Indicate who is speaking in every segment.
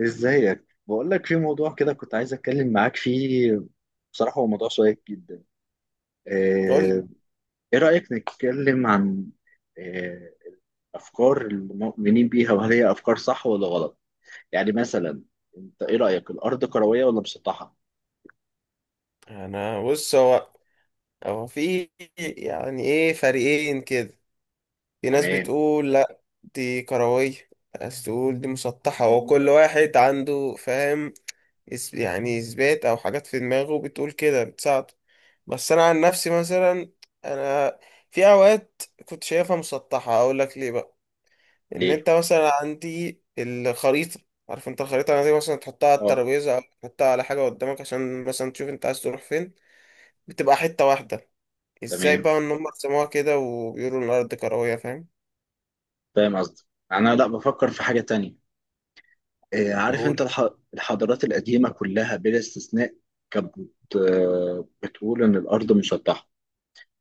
Speaker 1: ازيك؟ بقول لك في موضوع كده كنت عايز اتكلم معاك فيه. بصراحة هو موضوع شيق جدا.
Speaker 2: قول لي.
Speaker 1: آه، ايه رأيك نتكلم عن آه، افكار المؤمنين بيها وهل هي افكار صح ولا غلط؟ يعني مثلا انت ايه رأيك؟ الارض كروية ولا مسطحة؟
Speaker 2: انا بص هو هو في يعني ايه، فريقين كده. في ناس
Speaker 1: تمام.
Speaker 2: بتقول لا دي كروية، ناس تقول دي مسطحة، وكل واحد عنده فاهم يعني اثبات او حاجات في دماغه بتقول كده بتساعده. بس انا عن نفسي مثلا انا في اوقات كنت شايفها مسطحة، اقول لك ليه بقى. ان
Speaker 1: ليه؟
Speaker 2: انت مثلا عندي الخريطة، عارف انت الخريطة دي مثلا تحطها على
Speaker 1: اه.
Speaker 2: الترابيزة او تحطها على حاجة قدامك عشان مثلا تشوف انت عايز تروح فين. بتبقى حتة واحدة. ازاي
Speaker 1: تمام.
Speaker 2: بقى ان هم سموها كده وبيقولوا ان الارض كرويه، فاهم؟
Speaker 1: فاهم قصدي. انا لا، بفكر في حاجة تانية. عارف انت
Speaker 2: قول.
Speaker 1: الحضارات القديمة كلها بلا استثناء كانت بتقول ان الارض مسطحة.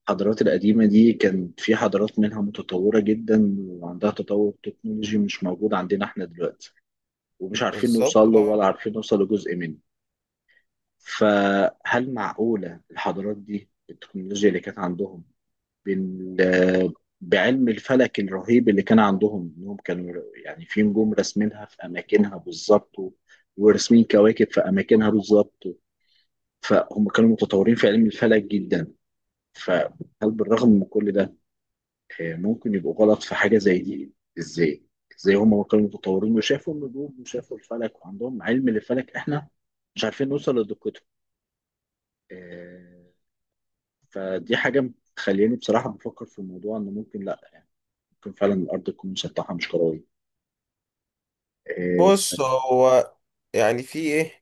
Speaker 1: الحضارات القديمة دي كان في حضارات منها متطورة جدا وعندها تطور تكنولوجي مش موجود عندنا احنا دلوقتي، ومش عارفين
Speaker 2: بالظبط
Speaker 1: نوصل له ولا
Speaker 2: اه.
Speaker 1: عارفين نوصل لجزء منه. فهل معقولة الحضارات دي، التكنولوجيا اللي كانت عندهم بال... بعلم الفلك الرهيب اللي كان عندهم، انهم كانوا يعني في نجوم راسمينها في اماكنها بالظبط وراسمين كواكب في اماكنها بالظبط؟ فهم كانوا متطورين في علم الفلك جدا. فهل بالرغم من كل ده ممكن يبقوا غلط في حاجة زي دي؟ ازاي؟ ازاي هم كانوا متطورين وشافوا النجوم وشافوا الفلك وعندهم علم للفلك، احنا مش عارفين نوصل لدقته؟ آه، فدي حاجة مخليني بصراحة بفكر في الموضوع انه ممكن، لا يعني ممكن فعلا الارض تكون مسطحة مش كروية. اه.
Speaker 2: بص هو يعني في ايه،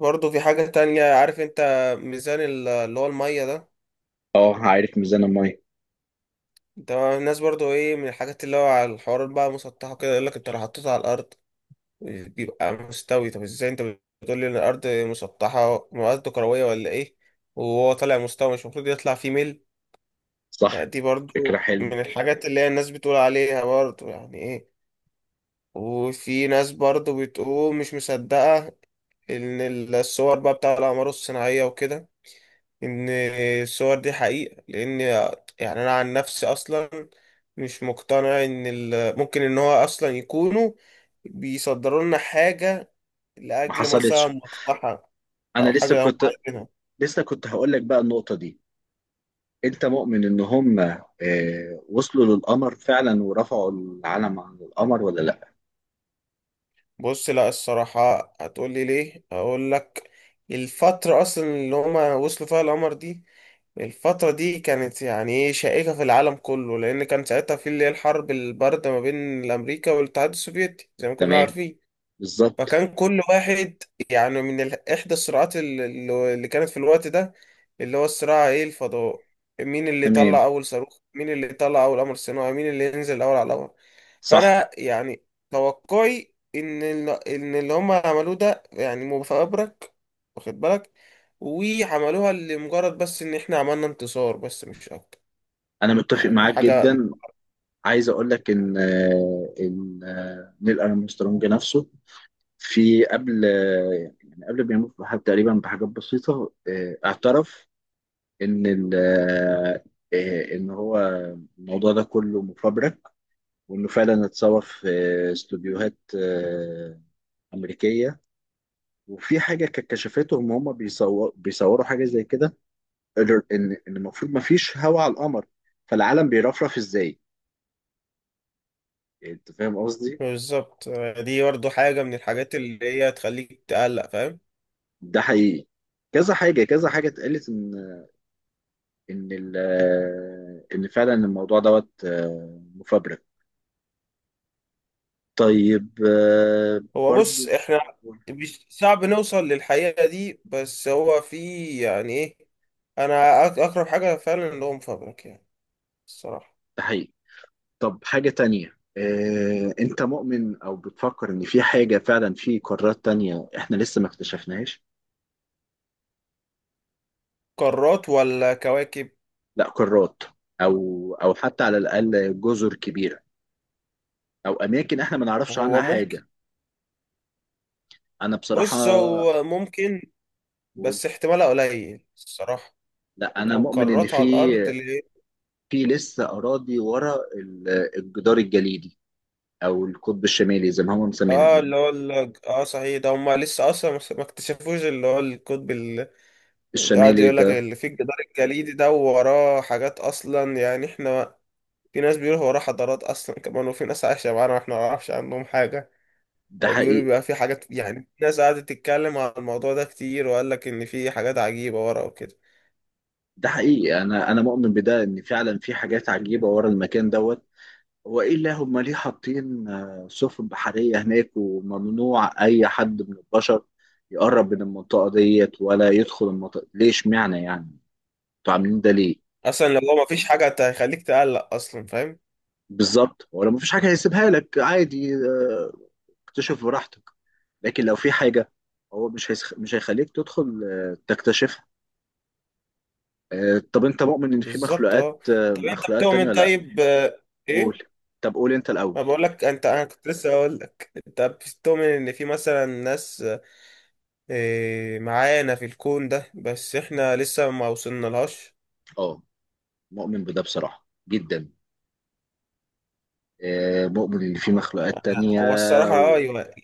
Speaker 2: برضه في حاجه تانية عارف انت، ميزان اللي هو الميه ده.
Speaker 1: عارف ميزان المية.
Speaker 2: ده الناس برضه ايه، من الحاجات اللي هو على الحوارات بقى مسطحه كده، يقول لك انت لو حطيته على الارض بيبقى مستوي. طب ازاي انت بتقول لي ان الارض مسطحه، الارض كرويه ولا ايه، وهو طالع مستوي؟ مش المفروض يطلع فيه ميل؟
Speaker 1: صح.
Speaker 2: فدي
Speaker 1: فكرة
Speaker 2: برضه
Speaker 1: حلوة.
Speaker 2: من الحاجات اللي هي الناس بتقول عليها، برضه يعني ايه. وفي ناس برضو بتقول مش مصدقة إن الصور بقى بتاع الأقمار الصناعية وكده، إن الصور دي حقيقة. لأن يعني أنا عن نفسي أصلا مش مقتنع إن ممكن إن هو أصلا يكونوا بيصدروا لنا حاجة
Speaker 1: ما
Speaker 2: لأجل مثلا
Speaker 1: حصلتش.
Speaker 2: مصلحة
Speaker 1: انا
Speaker 2: أو
Speaker 1: لسه
Speaker 2: حاجة هم
Speaker 1: كنت
Speaker 2: عايزينها.
Speaker 1: هقول لك بقى النقطة دي. انت مؤمن ان هم وصلوا للقمر فعلا ورفعوا العلم عن القمر ولا لا؟
Speaker 2: بص، لا الصراحة هتقولي ليه، أقول لك. الفترة أصلا اللي هما وصلوا فيها القمر دي، الفترة دي كانت يعني إيه، شائكة في العالم كله، لأن كان ساعتها في اللي هي الحرب الباردة ما بين الأمريكا والاتحاد السوفيتي زي ما كلنا
Speaker 1: تمام.
Speaker 2: عارفين.
Speaker 1: بالظبط.
Speaker 2: فكان كل واحد، يعني من إحدى الصراعات اللي كانت في الوقت ده، اللي هو الصراع إيه، الفضاء. مين اللي
Speaker 1: تمام.
Speaker 2: يطلع أول صاروخ، مين اللي يطلع أول قمر صناعي، مين اللي ينزل الأول على القمر.
Speaker 1: صح.
Speaker 2: فانا يعني توقعي ان ان اللي هم عملوه ده يعني مفبرك، واخد بالك، وعملوها لمجرد بس ان احنا عملنا انتصار، بس مش اكتر.
Speaker 1: انا متفق
Speaker 2: يعني
Speaker 1: معاك
Speaker 2: حاجة
Speaker 1: جدا. عايز اقول لك ان نيل ارمسترونج نفسه في قبل، يعني قبل ما يموت تقريبا بحاجات بسيطه، اعترف ان ال- آه، آه، ان هو الموضوع ده كله مفبرك. وانه فعلا اتصور في استوديوهات امريكيه. وفي حاجه كانت كشفتهم. هم بيصوروا حاجه زي كده. ان المفروض ما فيش هواء على القمر، فالعالم بيرفرف ازاي؟ يعني انت فاهم قصدي.
Speaker 2: بالظبط. دي برضه حاجة من الحاجات اللي هي تخليك تقلق، فاهم.
Speaker 1: ده حقيقي. كذا حاجه كذا حاجه اتقالت ان ال- ان فعلا الموضوع دوت مفبرك. طيب.
Speaker 2: هو بص
Speaker 1: برضو.
Speaker 2: احنا مش صعب نوصل للحقيقة دي، بس هو في يعني ايه، انا اقرب حاجة فعلا اللي هو مفبرك يعني، الصراحة.
Speaker 1: ده حقيقي. طب حاجه تانية، انت مؤمن او بتفكر ان في حاجه فعلا، في قارات تانية احنا لسه ما اكتشفناهاش؟
Speaker 2: قارات ولا كواكب؟
Speaker 1: لا، قارات، او حتى على الاقل جزر كبيره، او اماكن احنا ما نعرفش
Speaker 2: هو
Speaker 1: عنها
Speaker 2: ممكن.
Speaker 1: حاجه. انا بصراحه
Speaker 2: بص هو ممكن،
Speaker 1: بقول،
Speaker 2: بس احتمالها قليل الصراحة.
Speaker 1: لا، انا
Speaker 2: لو
Speaker 1: مؤمن ان
Speaker 2: كرات على
Speaker 1: في
Speaker 2: الأرض اللي،
Speaker 1: في لسه اراضي ورا الجدار الجليدي، او القطب الشمالي زي ما هم مسمينها.
Speaker 2: اه اللي هو اه صحيح، ده هما لسه أصلا ما اكتشفوش اللي هو القطب اللي قاعد
Speaker 1: الشمالي
Speaker 2: يقول لك،
Speaker 1: ده.
Speaker 2: اللي فيه الجدار الجليدي ده وراه حاجات أصلا يعني احنا. في ناس بيقولوا وراه حضارات أصلا كمان، وفي ناس عايشة معانا واحنا ما نعرفش عنهم حاجة.
Speaker 1: ده
Speaker 2: أو بيقولوا
Speaker 1: حقيقي.
Speaker 2: بيبقى في حاجات، يعني في ناس قعدت تتكلم على الموضوع ده كتير، وقال لك إن في حاجات عجيبة ورا وكده.
Speaker 1: ده حقيقي. انا مؤمن بده ان فعلا في حاجات عجيبه ورا المكان دوت. هو ايه اللي هم ليه حاطين سفن بحريه هناك وممنوع اي حد من البشر يقرب من المنطقه ديت ولا يدخل المنطقه؟ ليش معنى يعني انتوا عاملين ده ليه؟
Speaker 2: أصلا لو هو ما فيش حاجة هتخليك تقلق أصلا، فاهم.
Speaker 1: بالظبط. هو لو مفيش حاجه هيسيبها لك عادي. اكتشف براحتك. لكن لو في حاجه هو مش هيخليك تدخل تكتشفها. طب انت مؤمن ان في
Speaker 2: بالظبط
Speaker 1: مخلوقات،
Speaker 2: اه.
Speaker 1: آه،
Speaker 2: طب انت
Speaker 1: مخلوقات تانية
Speaker 2: بتؤمن
Speaker 1: ولا لا؟
Speaker 2: طيب،
Speaker 1: قول.
Speaker 2: ايه؟
Speaker 1: طب قول انت
Speaker 2: ما
Speaker 1: الاول.
Speaker 2: بقول لك انت، انا كنت لسه هقول لك، انت بتؤمن ان في مثلا ناس إيه، معانا في الكون ده بس احنا لسه ما وصلنا لهاش؟
Speaker 1: اه. مؤمن بده بصراحه جدا. مؤمن ان في مخلوقات تانية.
Speaker 2: هو الصراحة اه
Speaker 1: و...
Speaker 2: ايوه.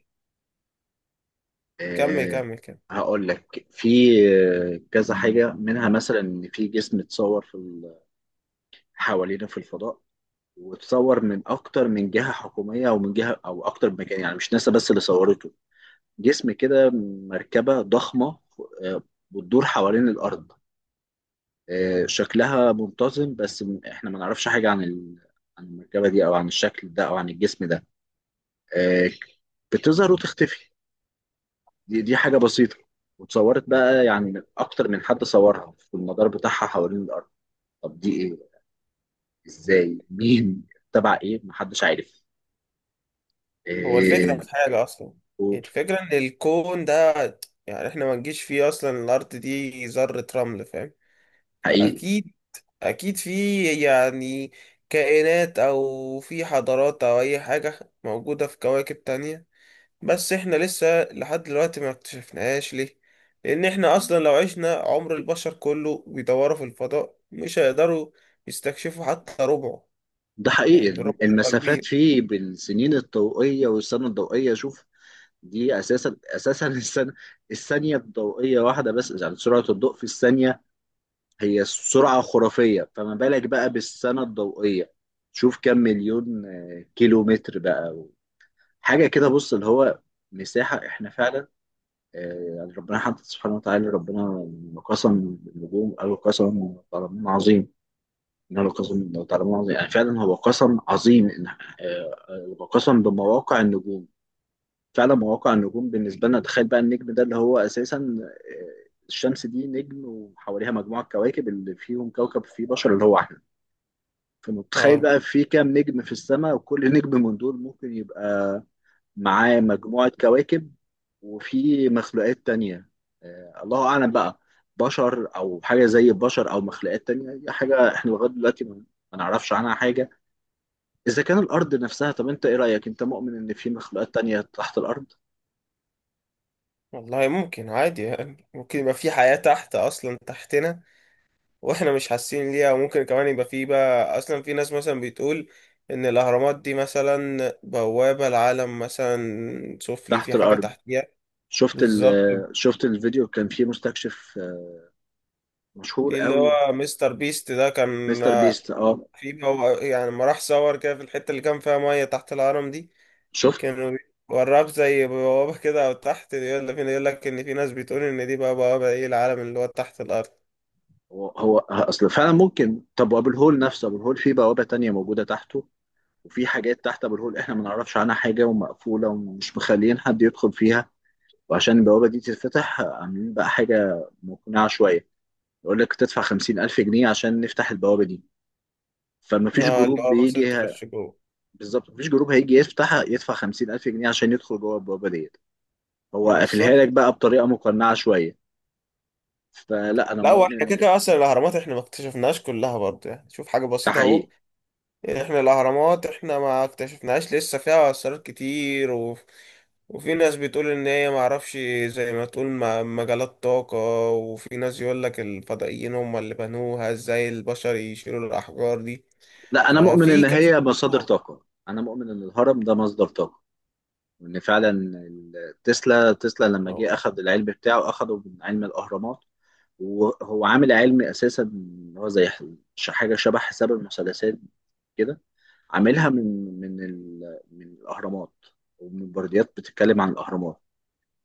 Speaker 2: كمل
Speaker 1: آه،
Speaker 2: كمل كمل.
Speaker 1: هقول لك في كذا حاجه منها. مثلا ان في جسم اتصور حوالينا في الفضاء، وتصور من اكتر من جهه حكوميه او من جهه او اكتر من مكان، يعني مش ناسا بس اللي صورته. جسم كده، مركبه ضخمه، آه، بتدور حوالين الارض. شكلها منتظم بس احنا ما نعرفش حاجه عن المركبه دي او عن الشكل ده او عن الجسم ده. آه، بتظهر وتختفي. دي حاجه بسيطه، وتصورت بقى يعني من اكتر من حد. صورها في المدار بتاعها حوالين الارض. طب دي ايه؟ ازاي؟ مين؟ تبع ايه؟ محدش عارف.
Speaker 2: هو الفكرة
Speaker 1: آه،
Speaker 2: في حاجة اصلا، الفكرة ان الكون ده، يعني احنا ما نجيش فيه اصلا، الارض دي ذرة رمل، فاهم.
Speaker 1: حقيقي.
Speaker 2: فاكيد، اكيد في يعني كائنات او في حضارات او اي حاجة موجودة في كواكب تانية، بس احنا لسه لحد دلوقتي ما اكتشفناهاش. ليه؟ لان احنا اصلا لو عشنا عمر البشر كله بيدوروا في الفضاء مش هيقدروا يستكشفوا حتى ربعه.
Speaker 1: ده حقيقي.
Speaker 2: يعني ربعه هيبقى
Speaker 1: المسافات
Speaker 2: كبير.
Speaker 1: فيه بالسنين الضوئية، والسنة الضوئية، شوف، دي أساسا أساسا السنة الثانية الضوئية واحدة بس، يعني سرعة الضوء في الثانية هي سرعة خرافية، فما بالك بقى بالسنة الضوئية. شوف كم مليون كيلو متر بقى حاجة كده. بص اللي هو مساحة. احنا فعلا يعني ربنا حتى سبحانه وتعالى، ربنا لما قسم النجوم قالوا قسم تعلمون عظيم، إنه لقسم تعلمون عظيم. يعني فعلا هو قسم عظيم، قسم بمواقع النجوم. فعلا مواقع النجوم بالنسبه لنا. تخيل بقى النجم ده اللي هو اساسا، الشمس دي نجم وحواليها مجموعه كواكب اللي فيهم كوكب فيه بشر اللي هو احنا. فمتخيل
Speaker 2: اه
Speaker 1: بقى في كام نجم في السماء، وكل نجم من دول ممكن يبقى معاه مجموعه كواكب وفي مخلوقات تانية. الله اعلم بقى، بشر او حاجه زي البشر او مخلوقات تانية. دي حاجه احنا لغايه دلوقتي ما نعرفش عنها حاجه. إذا كان الأرض نفسها. طب أنت إيه رأيك؟ أنت مؤمن إن في مخلوقات تانية تحت الأرض؟
Speaker 2: والله ممكن عادي، يعني ممكن يبقى في حياة تحت اصلا تحتنا واحنا مش حاسين ليها. وممكن كمان يبقى في بقى اصلا في ناس مثلا بتقول ان الاهرامات دي مثلا بوابة العالم مثلا سفلي،
Speaker 1: تحت
Speaker 2: في حاجة
Speaker 1: الأرض.
Speaker 2: تحتيها.
Speaker 1: شفت ال
Speaker 2: بالظبط.
Speaker 1: شفت الفيديو كان فيه مستكشف مشهور
Speaker 2: في اللي
Speaker 1: قوي.
Speaker 2: هو مستر بيست ده كان
Speaker 1: مستر بيست. أه.
Speaker 2: في يعني لما راح صور كده في الحتة اللي كان فيها مية تحت الهرم دي،
Speaker 1: شفت؟
Speaker 2: كانوا وراك زي بوابة كده او تحت، يقول فينا، يقول لك ان في ناس بتقول ان دي بقى بوابة ايه، العالم اللي هو تحت الارض.
Speaker 1: هو أصل فعلا ممكن. طب وأبو الهول نفسه. أبو الهول فيه بوابة تانية موجودة تحته، وفي حاجات تحت أبو الهول إحنا ما نعرفش عنها حاجة، ومقفولة ومش مخليين حد يدخل فيها. وعشان البوابة دي تتفتح عاملين بقى حاجة مقنعة شوية. يقول لك تدفع 50,000 جنيه عشان نفتح البوابة دي. فما فيش
Speaker 2: اه اللي
Speaker 1: جروب
Speaker 2: هو مثلا
Speaker 1: بيجي.
Speaker 2: تخش جوه.
Speaker 1: بالظبط. مفيش جروب هيجي يفتح يدفع 50,000 جنيه عشان يدخل جوه البوابه ديت. هو قافلها لك
Speaker 2: بالظبط.
Speaker 1: بقى بطريقه مقنعه شويه. فلا، انا
Speaker 2: لا واحنا كده
Speaker 1: مؤمن.
Speaker 2: كده اصلا الاهرامات احنا ما اكتشفناش كلها برضه، يعني شوف حاجه
Speaker 1: ده
Speaker 2: بسيطه اهو.
Speaker 1: حقيقي.
Speaker 2: يعني احنا الاهرامات احنا ما اكتشفناهاش، لسه فيها اسرار كتير، و... وفي ناس بتقول ان هي ما اعرفش، زي ما تقول مجالات طاقه. وفي ناس يقول لك الفضائيين هم اللي بنوها، ازاي البشر يشيلوا الاحجار دي.
Speaker 1: لا، انا مؤمن
Speaker 2: ففي
Speaker 1: ان
Speaker 2: كذا
Speaker 1: هي مصادر
Speaker 2: موضوع.
Speaker 1: طاقه. انا مؤمن ان الهرم ده مصدر طاقه، وان فعلا تسلا لما جه اخذ العلم بتاعه اخذه من علم الاهرامات. وهو عامل علم اساسا اللي هو زي حاجه شبه حساب المثلثات كده. عاملها من الاهرامات ومن برديات بتتكلم عن الاهرامات.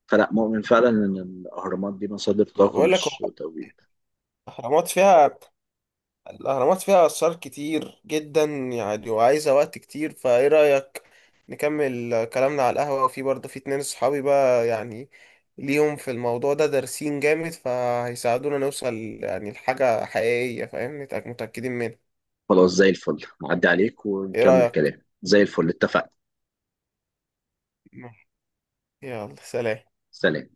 Speaker 1: فلا، مؤمن فعلا ان الاهرامات دي مصادر
Speaker 2: ما
Speaker 1: طاقه
Speaker 2: بقول لك
Speaker 1: مش
Speaker 2: هو
Speaker 1: توجيه.
Speaker 2: الاهرامات فيها، الأهرامات فيها آثار كتير جدا يعني، وعايزة وقت كتير. فإيه رأيك نكمل كلامنا على القهوة، وفي برضه في اتنين صحابي بقى يعني ليهم في الموضوع ده، دارسين جامد، فهيساعدونا نوصل يعني لحاجة حقيقية، فاهم، متأكدين منها.
Speaker 1: خلاص، زي الفل. نعدي عليك
Speaker 2: إيه
Speaker 1: ونكمل
Speaker 2: رأيك؟
Speaker 1: كلام زي الفل. اتفقنا.
Speaker 2: يلا سلام.
Speaker 1: سلام.